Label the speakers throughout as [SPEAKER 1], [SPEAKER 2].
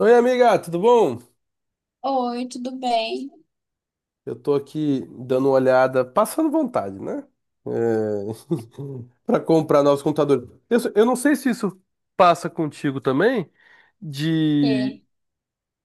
[SPEAKER 1] Oi, amiga, tudo bom?
[SPEAKER 2] Oi, tudo bem?
[SPEAKER 1] Eu tô aqui dando uma olhada, passando vontade, né? É... Para comprar novos computadores. Eu não sei se isso passa contigo também, de,
[SPEAKER 2] É.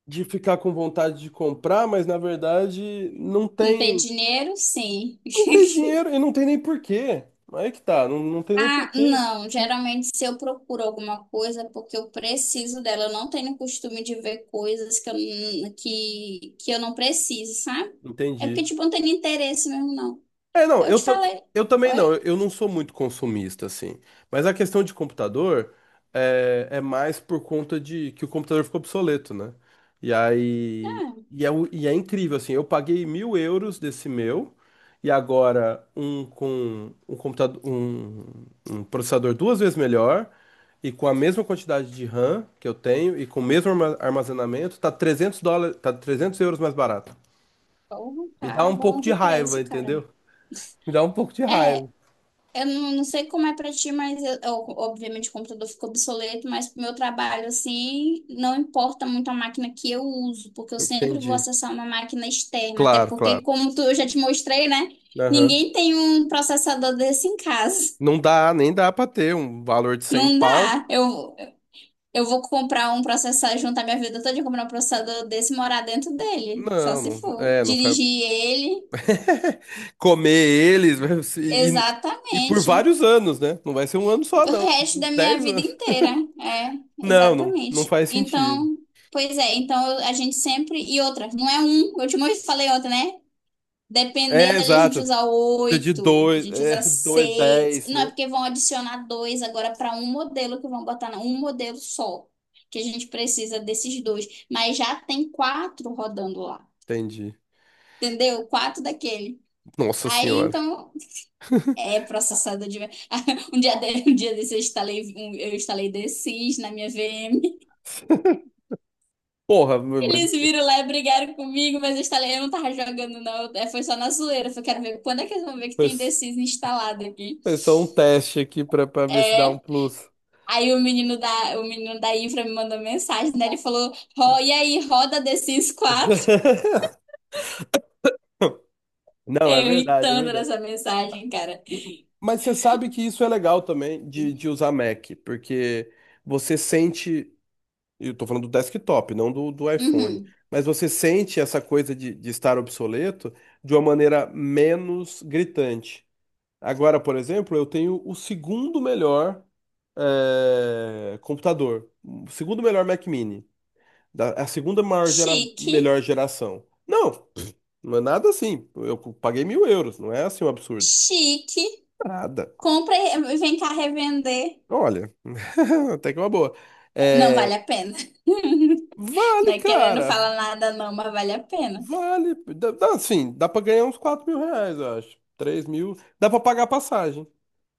[SPEAKER 1] de ficar com vontade de comprar, mas na verdade não
[SPEAKER 2] Não tem
[SPEAKER 1] tem,
[SPEAKER 2] dinheiro? Sim.
[SPEAKER 1] não tem dinheiro e não tem nem porquê. Aí que tá, não, não tem nem
[SPEAKER 2] Ah,
[SPEAKER 1] porquê.
[SPEAKER 2] não. Geralmente, se eu procuro alguma coisa, é porque eu preciso dela. Eu não tenho costume de ver coisas que que eu não preciso, sabe? É porque,
[SPEAKER 1] Entendi.
[SPEAKER 2] tipo, eu não tenho interesse mesmo, não.
[SPEAKER 1] É, não,
[SPEAKER 2] Eu
[SPEAKER 1] eu,
[SPEAKER 2] te
[SPEAKER 1] ta-
[SPEAKER 2] falei.
[SPEAKER 1] Eu também
[SPEAKER 2] Oi?
[SPEAKER 1] não, eu não sou muito consumista, assim. Mas a questão de computador é mais por conta de que o computador ficou obsoleto, né? E aí.
[SPEAKER 2] Ah,
[SPEAKER 1] E é incrível, assim, eu paguei 1.000 euros desse meu, e agora um com um computador, um processador duas vezes melhor, e com a mesma quantidade de RAM que eu tenho, e com o mesmo armazenamento, tá 300 dólares, tá 300 euros mais barato.
[SPEAKER 2] porra,
[SPEAKER 1] Me dá
[SPEAKER 2] tá
[SPEAKER 1] um
[SPEAKER 2] bom
[SPEAKER 1] pouco de
[SPEAKER 2] de
[SPEAKER 1] raiva,
[SPEAKER 2] preço, cara.
[SPEAKER 1] entendeu? Me dá um pouco de raiva.
[SPEAKER 2] É. Eu não sei como é pra ti, mas obviamente o computador ficou obsoleto, mas pro meu trabalho, assim, não importa muito a máquina que eu uso, porque eu sempre vou
[SPEAKER 1] Entendi.
[SPEAKER 2] acessar uma máquina externa, até
[SPEAKER 1] Claro,
[SPEAKER 2] porque,
[SPEAKER 1] claro.
[SPEAKER 2] como tu, eu já te mostrei, né?
[SPEAKER 1] Aham.
[SPEAKER 2] Ninguém tem um processador desse em casa.
[SPEAKER 1] Não dá, nem dá pra ter um valor de 100
[SPEAKER 2] Não
[SPEAKER 1] pau.
[SPEAKER 2] dá. Eu vou comprar um processador, juntar minha vida toda e comprar um processador desse e morar dentro dele, só
[SPEAKER 1] Não,
[SPEAKER 2] se
[SPEAKER 1] não,
[SPEAKER 2] for
[SPEAKER 1] é, não foi.
[SPEAKER 2] dirigir ele.
[SPEAKER 1] Comer eles e por
[SPEAKER 2] Exatamente.
[SPEAKER 1] vários anos, né? Não vai ser um ano só,
[SPEAKER 2] O
[SPEAKER 1] não. Tipo,
[SPEAKER 2] resto da
[SPEAKER 1] uns
[SPEAKER 2] minha
[SPEAKER 1] 10
[SPEAKER 2] vida
[SPEAKER 1] anos.
[SPEAKER 2] inteira, é,
[SPEAKER 1] Não, não, não
[SPEAKER 2] exatamente.
[SPEAKER 1] faz sentido.
[SPEAKER 2] Então, pois é, então a gente sempre. E outra, não é um, eu te falei outra, né?
[SPEAKER 1] É,
[SPEAKER 2] Dependendo ali, a gente
[SPEAKER 1] exato.
[SPEAKER 2] usa
[SPEAKER 1] Precisa de
[SPEAKER 2] oito, a
[SPEAKER 1] dois,
[SPEAKER 2] gente
[SPEAKER 1] é,
[SPEAKER 2] usa
[SPEAKER 1] dois,
[SPEAKER 2] seis.
[SPEAKER 1] dez,
[SPEAKER 2] Não, é
[SPEAKER 1] né?
[SPEAKER 2] porque vão adicionar dois agora para um modelo que vão botar um modelo só. Que a gente precisa desses dois. Mas já tem quatro rodando lá.
[SPEAKER 1] Entendi.
[SPEAKER 2] Entendeu? Quatro daquele.
[SPEAKER 1] Nossa
[SPEAKER 2] Aí,
[SPEAKER 1] senhora.
[SPEAKER 2] então. É processador de. Um dia, de... um dia desse eu instalei The Sims na minha VM.
[SPEAKER 1] Porra, mas,
[SPEAKER 2] Eles viram lá e brigaram comigo, mas eu instalei, eu não tava jogando, não. É, foi só na zoeira. Eu falei, quero ver quando é que eles vão ver que tem The
[SPEAKER 1] mas
[SPEAKER 2] Sims instalado aqui.
[SPEAKER 1] foi só um teste aqui pra ver se dá um
[SPEAKER 2] É.
[SPEAKER 1] plus.
[SPEAKER 2] Aí o menino da infra me mandou mensagem, né? Ele falou, Ro, e aí, roda The Sims 4?
[SPEAKER 1] Não, é
[SPEAKER 2] Eu ri
[SPEAKER 1] verdade, é
[SPEAKER 2] tanto
[SPEAKER 1] verdade.
[SPEAKER 2] nessa mensagem, cara.
[SPEAKER 1] Mas você sabe que isso é legal também de usar Mac, porque você sente, eu tô falando do desktop, não do iPhone,
[SPEAKER 2] Uhum.
[SPEAKER 1] mas você sente essa coisa de estar obsoleto de uma maneira menos gritante. Agora, por exemplo, eu tenho o segundo melhor computador, o segundo melhor Mac Mini, a segunda maior
[SPEAKER 2] Chique,
[SPEAKER 1] melhor geração. Não, não é nada assim. Eu paguei mil euros, não é assim um absurdo.
[SPEAKER 2] chique.
[SPEAKER 1] Nada.
[SPEAKER 2] Compra e vem cá revender.
[SPEAKER 1] Olha, até que é uma boa.
[SPEAKER 2] Não vale
[SPEAKER 1] É,
[SPEAKER 2] a pena.
[SPEAKER 1] vale,
[SPEAKER 2] Não é querendo
[SPEAKER 1] cara.
[SPEAKER 2] falar nada, não, mas vale a pena.
[SPEAKER 1] Vale. Dá, dá, assim, dá pra ganhar uns 4.000 reais, eu acho. 3 mil. Dá pra pagar a passagem.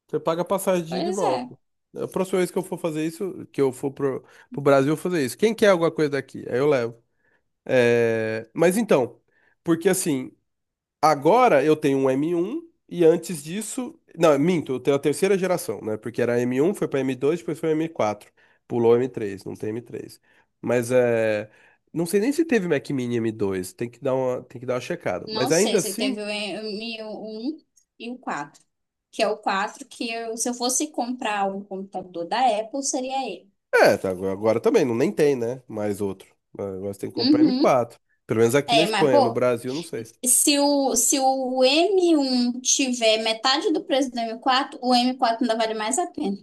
[SPEAKER 1] Você paga a passagem de ida e
[SPEAKER 2] Pois é.
[SPEAKER 1] volta. A próxima vez que eu for fazer isso, que eu for pro Brasil, eu vou fazer isso. Quem quer alguma coisa daqui? Aí eu levo. É, mas então, porque assim, agora eu tenho um M1 e antes disso, não, minto, eu tenho a terceira geração, né? Porque era M1, foi para M2, depois foi M4. Pulou M3, não tem M3. Mas é, não sei nem se teve Mac Mini M2, tem que dar uma checada.
[SPEAKER 2] Não
[SPEAKER 1] Mas
[SPEAKER 2] sei
[SPEAKER 1] ainda
[SPEAKER 2] se
[SPEAKER 1] assim,
[SPEAKER 2] teve o 1 e o 4. Que é o 4 se eu fosse comprar um computador da Apple, seria ele.
[SPEAKER 1] é, tá, agora também não nem tem, né? Mais outro. Ah, agora você tem que comprar m
[SPEAKER 2] Uhum.
[SPEAKER 1] quatro Pelo menos aqui na
[SPEAKER 2] É, mas,
[SPEAKER 1] Espanha, no
[SPEAKER 2] pô,
[SPEAKER 1] Brasil, não sei.
[SPEAKER 2] se o M1 tiver metade do preço do M4, o M4 ainda vale mais a pena.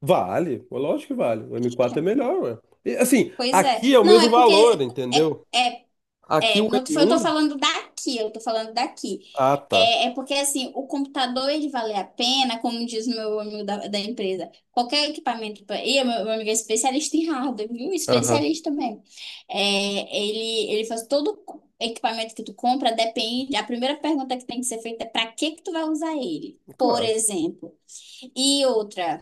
[SPEAKER 1] Vale, lógico que vale. O M4 é melhor, ué. E, assim,
[SPEAKER 2] Pois é.
[SPEAKER 1] aqui é o
[SPEAKER 2] Não,
[SPEAKER 1] mesmo
[SPEAKER 2] é porque
[SPEAKER 1] valor, entendeu?
[SPEAKER 2] é.
[SPEAKER 1] Aqui
[SPEAKER 2] É,
[SPEAKER 1] o
[SPEAKER 2] não
[SPEAKER 1] m
[SPEAKER 2] tô- eu tô
[SPEAKER 1] um
[SPEAKER 2] falando daqui, eu tô falando daqui.
[SPEAKER 1] ah, tá.
[SPEAKER 2] É, é porque, assim, o computador, ele vale a pena, como diz o meu amigo da empresa. Qualquer equipamento... E o meu amigo é especialista em hardware, viu?
[SPEAKER 1] Aham,
[SPEAKER 2] Especialista mesmo. É, ele faz todo equipamento que tu compra, depende... A primeira pergunta que tem que ser feita é pra que que tu vai usar ele, por
[SPEAKER 1] claro.
[SPEAKER 2] exemplo. E outra...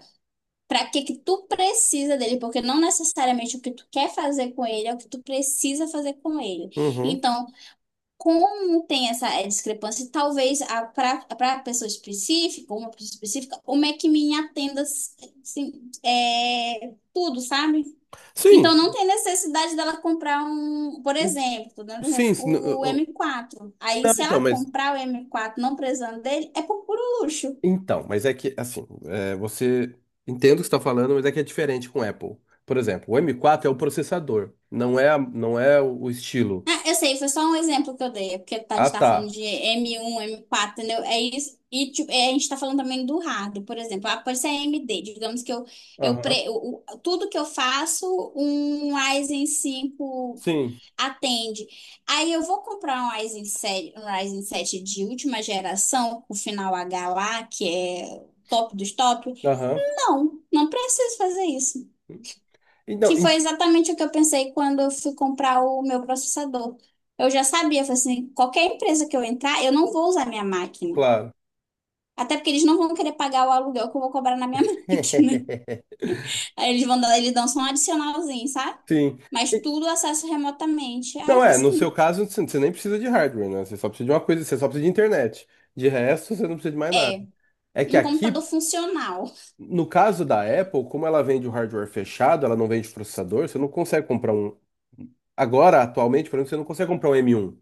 [SPEAKER 2] Pra que que tu precisa dele? Porque não necessariamente o que tu quer fazer com ele é o que tu precisa fazer com ele.
[SPEAKER 1] Uhum.
[SPEAKER 2] Então, como tem essa discrepância, talvez para a pessoa específica, uma pessoa específica, o MacMin atenda assim, tudo, sabe? Então não
[SPEAKER 1] Sim,
[SPEAKER 2] tem necessidade dela comprar um, por
[SPEAKER 1] o-
[SPEAKER 2] exemplo, tô dando um exemplo,
[SPEAKER 1] sim, sim, n-
[SPEAKER 2] o
[SPEAKER 1] o- o-
[SPEAKER 2] M4. Aí
[SPEAKER 1] não,
[SPEAKER 2] se
[SPEAKER 1] então,
[SPEAKER 2] ela
[SPEAKER 1] mas
[SPEAKER 2] comprar o M4 não precisando dele, é por puro luxo.
[SPEAKER 1] então, mas é que assim, é, você entendo o que você está falando, mas é que é diferente com o Apple. Por exemplo, o M4 é o processador, não é, não é o estilo.
[SPEAKER 2] Ah, eu sei, foi só um exemplo que eu dei, porque a
[SPEAKER 1] Ah,
[SPEAKER 2] gente tá falando
[SPEAKER 1] tá.
[SPEAKER 2] de M1, M4, entendeu? É isso. E tipo, é, a gente tá falando também do hardware, por exemplo. Ah, pode ser AMD, digamos que eu
[SPEAKER 1] Aham.
[SPEAKER 2] pre, o- tudo que eu faço, um Ryzen 5
[SPEAKER 1] Sim.
[SPEAKER 2] atende. Aí eu vou comprar um Ryzen sete de última geração, o final H lá, que é top dos top.
[SPEAKER 1] Aham.
[SPEAKER 2] Não, não preciso fazer isso.
[SPEAKER 1] Então,
[SPEAKER 2] Que foi exatamente o que eu pensei quando eu fui comprar o meu processador. Eu já sabia, eu falei assim, qualquer empresa que eu entrar, eu não vou usar minha máquina.
[SPEAKER 1] claro.
[SPEAKER 2] Até porque eles não vão querer pagar o aluguel que eu vou cobrar na minha máquina. Aí eles vão dar, eles dão só um adicionalzinho, sabe?
[SPEAKER 1] Sim.
[SPEAKER 2] Mas
[SPEAKER 1] E-
[SPEAKER 2] tudo acesso remotamente. Aí eu
[SPEAKER 1] Não
[SPEAKER 2] falei
[SPEAKER 1] é, no seu
[SPEAKER 2] assim,
[SPEAKER 1] caso, você nem precisa de hardware, né? Você só precisa de uma coisa, você só precisa de internet. De resto, você não precisa de mais nada. É que
[SPEAKER 2] e um computador
[SPEAKER 1] aqui,
[SPEAKER 2] funcional.
[SPEAKER 1] no caso da Apple, como ela vende o hardware fechado, ela não vende processador, você não consegue comprar um. Agora, atualmente, por exemplo, você não consegue comprar um M1.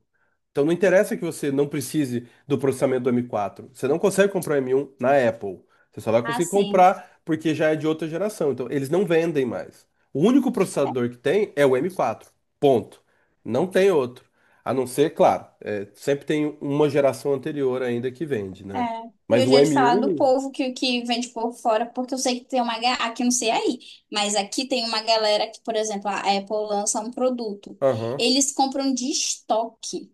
[SPEAKER 1] Então não interessa que você não precise do processamento do M4. Você não consegue comprar um M1 na Apple. Você só vai conseguir
[SPEAKER 2] Assim.
[SPEAKER 1] comprar porque já é de outra geração. Então eles não vendem mais. O único processador que tem é o M4. Ponto. Não tem outro. A não ser, claro, é, sempre tem uma geração anterior ainda que vende,
[SPEAKER 2] É,
[SPEAKER 1] né?
[SPEAKER 2] e
[SPEAKER 1] Mas
[SPEAKER 2] eu já
[SPEAKER 1] o
[SPEAKER 2] ia te falar do
[SPEAKER 1] M1.
[SPEAKER 2] povo que vende por fora, porque eu sei que tem uma. Aqui não sei aí, mas aqui tem uma galera que, por exemplo, a Apple lança um produto.
[SPEAKER 1] Aham.
[SPEAKER 2] Eles compram de estoque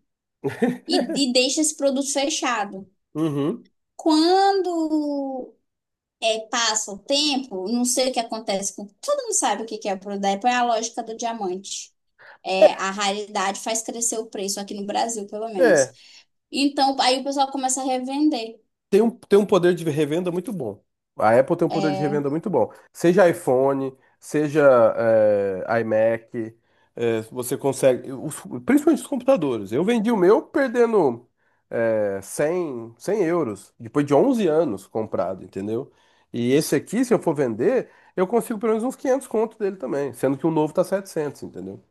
[SPEAKER 2] e, e deixa esse produto fechado.
[SPEAKER 1] Uhum.
[SPEAKER 2] Quando é, passa o tempo, não sei o que acontece com. Todo mundo sabe o que que é o produto da Apple, é a lógica do diamante. É, a raridade faz crescer o preço, aqui no Brasil, pelo menos.
[SPEAKER 1] É,
[SPEAKER 2] Então, aí o pessoal começa a revender.
[SPEAKER 1] tem um poder de revenda muito bom. A Apple tem um poder de
[SPEAKER 2] É,
[SPEAKER 1] revenda muito bom. Seja iPhone, seja iMac, você consegue. Principalmente os computadores. Eu vendi o meu perdendo eh, 100 100 euros, depois de 11 anos comprado, entendeu? E esse aqui, se eu for vender, eu consigo pelo menos uns 500 conto dele também, sendo que o novo tá setecentos, entendeu?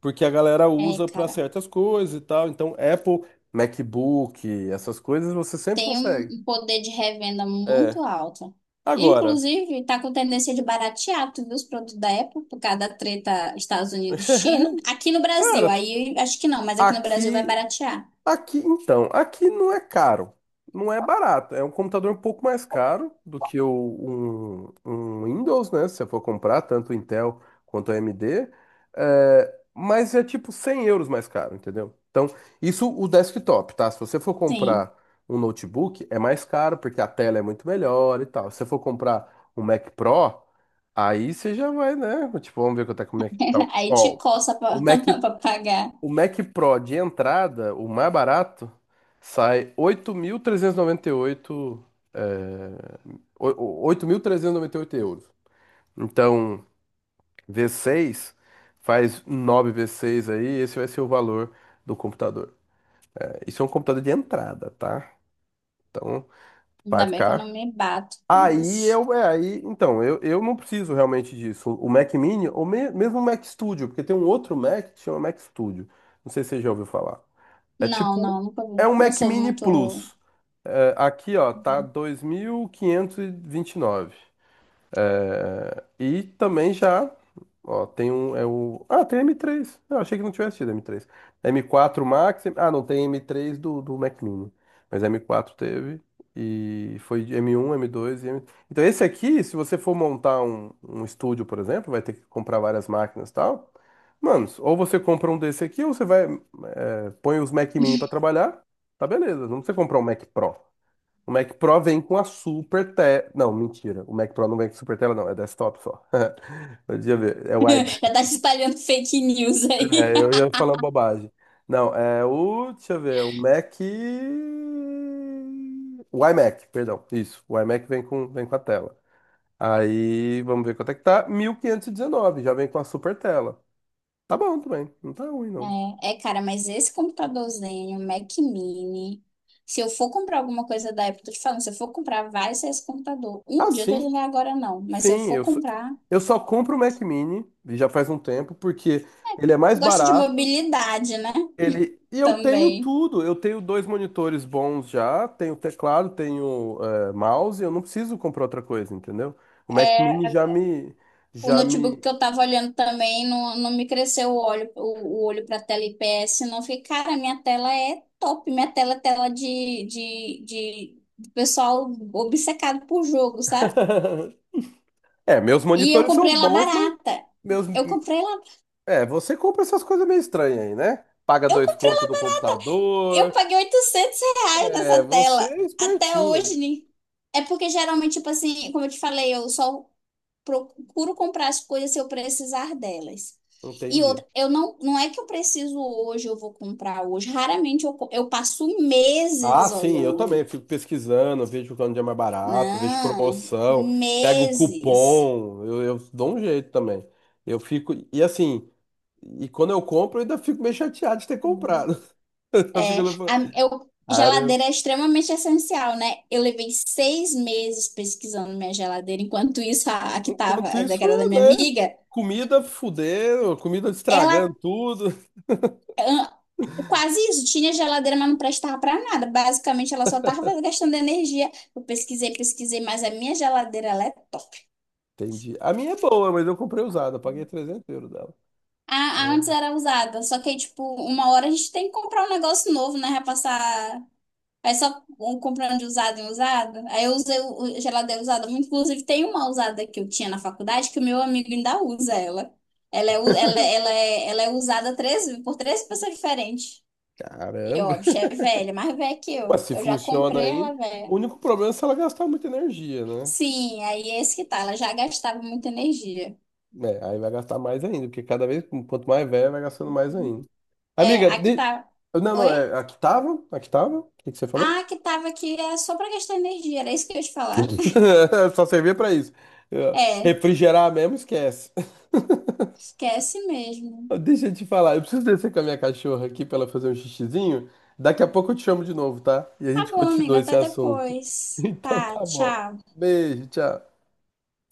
[SPEAKER 1] Porque a galera
[SPEAKER 2] é,
[SPEAKER 1] usa para certas coisas e tal. Então, Apple, MacBook, essas coisas você sempre
[SPEAKER 2] tem um
[SPEAKER 1] consegue.
[SPEAKER 2] um poder de revenda muito alto. E,
[SPEAKER 1] Agora,
[SPEAKER 2] inclusive, está com tendência de baratear, tu os produtos da Apple, por causa da treta Estados Unidos, e China. Aqui no Brasil,
[SPEAKER 1] cara,
[SPEAKER 2] aí acho que não, mas aqui no Brasil vai
[SPEAKER 1] aqui,
[SPEAKER 2] baratear.
[SPEAKER 1] aqui, então, aqui não é caro, não é barato. É um computador um pouco mais caro do que um Windows, né? Se você for comprar, tanto Intel quanto AMD, é, mas é tipo 100 euros mais caro, entendeu? Então, isso o desktop, tá? Se você for
[SPEAKER 2] Sim.
[SPEAKER 1] comprar um notebook, é mais caro porque a tela é muito melhor e tal. Se você for comprar um Mac Pro, aí você já vai, né? Tipo, vamos ver quanto é que o Mac tá.
[SPEAKER 2] Aí te
[SPEAKER 1] Ó,
[SPEAKER 2] coça
[SPEAKER 1] o
[SPEAKER 2] pra,
[SPEAKER 1] Mac
[SPEAKER 2] pra pagar.
[SPEAKER 1] o Mac Pro de entrada, o mais barato, sai 8.398, é, 8.398 euros. Então, v seis faz nove v seis aí, esse vai ser o valor do computador. É, isso é um computador de entrada, tá? Então,
[SPEAKER 2] Ainda
[SPEAKER 1] vai
[SPEAKER 2] bem que eu não
[SPEAKER 1] ficar.
[SPEAKER 2] me bato com
[SPEAKER 1] Aí
[SPEAKER 2] isso.
[SPEAKER 1] eu, é, aí, então, eu, não preciso realmente disso. O Mac Mini, ou mesmo o Mac Studio, porque tem um outro Mac que chama Mac Studio. Não sei se você já ouviu falar. É
[SPEAKER 2] Não,
[SPEAKER 1] tipo,
[SPEAKER 2] não, nunca
[SPEAKER 1] é
[SPEAKER 2] vi.
[SPEAKER 1] um
[SPEAKER 2] Não
[SPEAKER 1] Mac
[SPEAKER 2] sou
[SPEAKER 1] Mini
[SPEAKER 2] muito.
[SPEAKER 1] Plus. É, aqui, ó, tá dois mil quinhentos e vinte e nove, é, e também já, ó, tem um, é ah, tem M3. Eu achei que não tivesse tido M3. M4 Max, ah, não tem M3 do Mac Mini, mas M4 teve, e foi de M1, M2 e M... Então esse aqui, se você for montar um estúdio, por exemplo, vai ter que comprar várias máquinas e tal. Mano, ou você compra um desse aqui, ou você vai, é, põe os Mac Mini pra trabalhar, tá beleza. Não precisa comprar um Mac Pro. O Mac Pro vem com a Super Tela. Não, mentira. O Mac Pro não vem com Super Tela, não. É desktop só. Deixa eu ver. É o iMac.
[SPEAKER 2] Já tá se espalhando fake news aí.
[SPEAKER 1] É, eu ia falando bobagem. Não, é o. Deixa eu ver. O Mac. O iMac, perdão. Isso. O iMac vem com a tela. Aí, vamos ver quanto é que tá. 1.519. Já vem com a Super Tela. Tá bom também. Não tá ruim, não.
[SPEAKER 2] É, cara, mas esse computadorzinho, Mac Mini, se eu for comprar alguma coisa da Apple, tô te falando, se eu for comprar, vai ser esse computador. Um
[SPEAKER 1] Ah,
[SPEAKER 2] dia eu tô
[SPEAKER 1] sim.
[SPEAKER 2] dizendo agora não, mas se eu
[SPEAKER 1] Sim,
[SPEAKER 2] for comprar,
[SPEAKER 1] eu só compro o Mac Mini. E já faz um tempo, porque ele é mais
[SPEAKER 2] eu gosto de
[SPEAKER 1] barato.
[SPEAKER 2] mobilidade, né?
[SPEAKER 1] Ele, e eu tenho
[SPEAKER 2] Também.
[SPEAKER 1] tudo, eu tenho dois monitores bons já, tenho teclado, tenho mouse, eu não preciso comprar outra coisa, entendeu? O Mac Mini
[SPEAKER 2] É, o
[SPEAKER 1] já
[SPEAKER 2] notebook
[SPEAKER 1] me...
[SPEAKER 2] que eu tava olhando também não me cresceu o olho, o olho pra tela IPS, não. Eu fiquei, cara, minha tela é top, minha tela é tela de pessoal obcecado por jogo, sabe?
[SPEAKER 1] É, meus
[SPEAKER 2] E eu
[SPEAKER 1] monitores
[SPEAKER 2] comprei
[SPEAKER 1] são
[SPEAKER 2] ela
[SPEAKER 1] bons, mas
[SPEAKER 2] barata.
[SPEAKER 1] meus...
[SPEAKER 2] Eu comprei ela
[SPEAKER 1] É, você compra essas coisas meio estranhas aí, né? Paga
[SPEAKER 2] Eu
[SPEAKER 1] dois
[SPEAKER 2] comprei,
[SPEAKER 1] contos
[SPEAKER 2] um,
[SPEAKER 1] do
[SPEAKER 2] eu
[SPEAKER 1] computador,
[SPEAKER 2] paguei R$ 800
[SPEAKER 1] é,
[SPEAKER 2] nessa
[SPEAKER 1] você
[SPEAKER 2] tela.
[SPEAKER 1] é
[SPEAKER 2] Até hoje,
[SPEAKER 1] espertinho,
[SPEAKER 2] né? É porque geralmente, tipo assim, como eu te falei, eu só procuro comprar as coisas se eu precisar delas. E
[SPEAKER 1] entendi.
[SPEAKER 2] outra, eu não, não é que eu preciso hoje, eu vou comprar hoje. Raramente eu passo
[SPEAKER 1] Ah,
[SPEAKER 2] meses
[SPEAKER 1] sim, eu também
[SPEAKER 2] olhando.
[SPEAKER 1] fico pesquisando, vejo quando é mais barato, vejo
[SPEAKER 2] Não,
[SPEAKER 1] promoção, pego
[SPEAKER 2] meses.
[SPEAKER 1] cupom, eu dou um jeito também. Eu fico, e assim, e quando eu compro, eu ainda fico meio chateado de ter comprado. Eu
[SPEAKER 2] É,
[SPEAKER 1] fico lá falando, cara,
[SPEAKER 2] geladeira é extremamente essencial, né? Eu levei 6 meses pesquisando minha geladeira, enquanto isso, a que tava,
[SPEAKER 1] enquanto
[SPEAKER 2] que
[SPEAKER 1] isso,
[SPEAKER 2] era da minha
[SPEAKER 1] né?
[SPEAKER 2] amiga,
[SPEAKER 1] Comida fudendo, comida
[SPEAKER 2] ela
[SPEAKER 1] estragando tudo.
[SPEAKER 2] ah, quase isso, tinha geladeira, mas não prestava para nada. Basicamente, ela só tava gastando energia. Eu pesquisei, pesquisei, mas a minha geladeira, ela é top.
[SPEAKER 1] Entendi. A minha é boa, mas eu comprei usada, eu paguei 300 euros dela.
[SPEAKER 2] A
[SPEAKER 1] Ó,
[SPEAKER 2] antes era usada, só que aí, tipo, uma hora a gente tem que comprar um negócio novo, né? Vai passar. Aí só um comprando de usado em usado. Aí eu usei o geladeira usada muito. Inclusive, tem uma usada que eu tinha na faculdade que o meu amigo ainda usa ela. Ela é usada três, por três pessoas diferentes. E,
[SPEAKER 1] caramba!
[SPEAKER 2] ó, a bicha é velha, mais velha que
[SPEAKER 1] Mas
[SPEAKER 2] eu.
[SPEAKER 1] se
[SPEAKER 2] Eu já
[SPEAKER 1] funciona
[SPEAKER 2] comprei
[SPEAKER 1] ainda,
[SPEAKER 2] ela
[SPEAKER 1] o
[SPEAKER 2] velha.
[SPEAKER 1] único problema é se ela gastar muita energia, né?
[SPEAKER 2] Sim, aí é esse que tá. Ela já gastava muita energia.
[SPEAKER 1] É, aí vai gastar mais ainda, porque cada vez, quanto mais velho, vai gastando mais ainda.
[SPEAKER 2] É,
[SPEAKER 1] Amiga,
[SPEAKER 2] a que tá.
[SPEAKER 1] não, não,
[SPEAKER 2] Oi?
[SPEAKER 1] é, aqui tava, o que que você
[SPEAKER 2] Ah,
[SPEAKER 1] falou?
[SPEAKER 2] a que tava aqui é só pra gastar energia. Era isso que eu ia te falar.
[SPEAKER 1] Só servia pra isso. Eu-
[SPEAKER 2] É,
[SPEAKER 1] Refrigerar mesmo, esquece.
[SPEAKER 2] esquece mesmo.
[SPEAKER 1] Deixa eu te falar, eu preciso descer com a minha cachorra aqui pra ela fazer um xixizinho. Daqui a pouco eu te chamo de novo, tá? E a
[SPEAKER 2] Tá
[SPEAKER 1] gente
[SPEAKER 2] bom, amiga.
[SPEAKER 1] continua esse
[SPEAKER 2] Até
[SPEAKER 1] assunto.
[SPEAKER 2] depois.
[SPEAKER 1] Então
[SPEAKER 2] Tá,
[SPEAKER 1] tá bom.
[SPEAKER 2] tchau.
[SPEAKER 1] Beijo, tchau.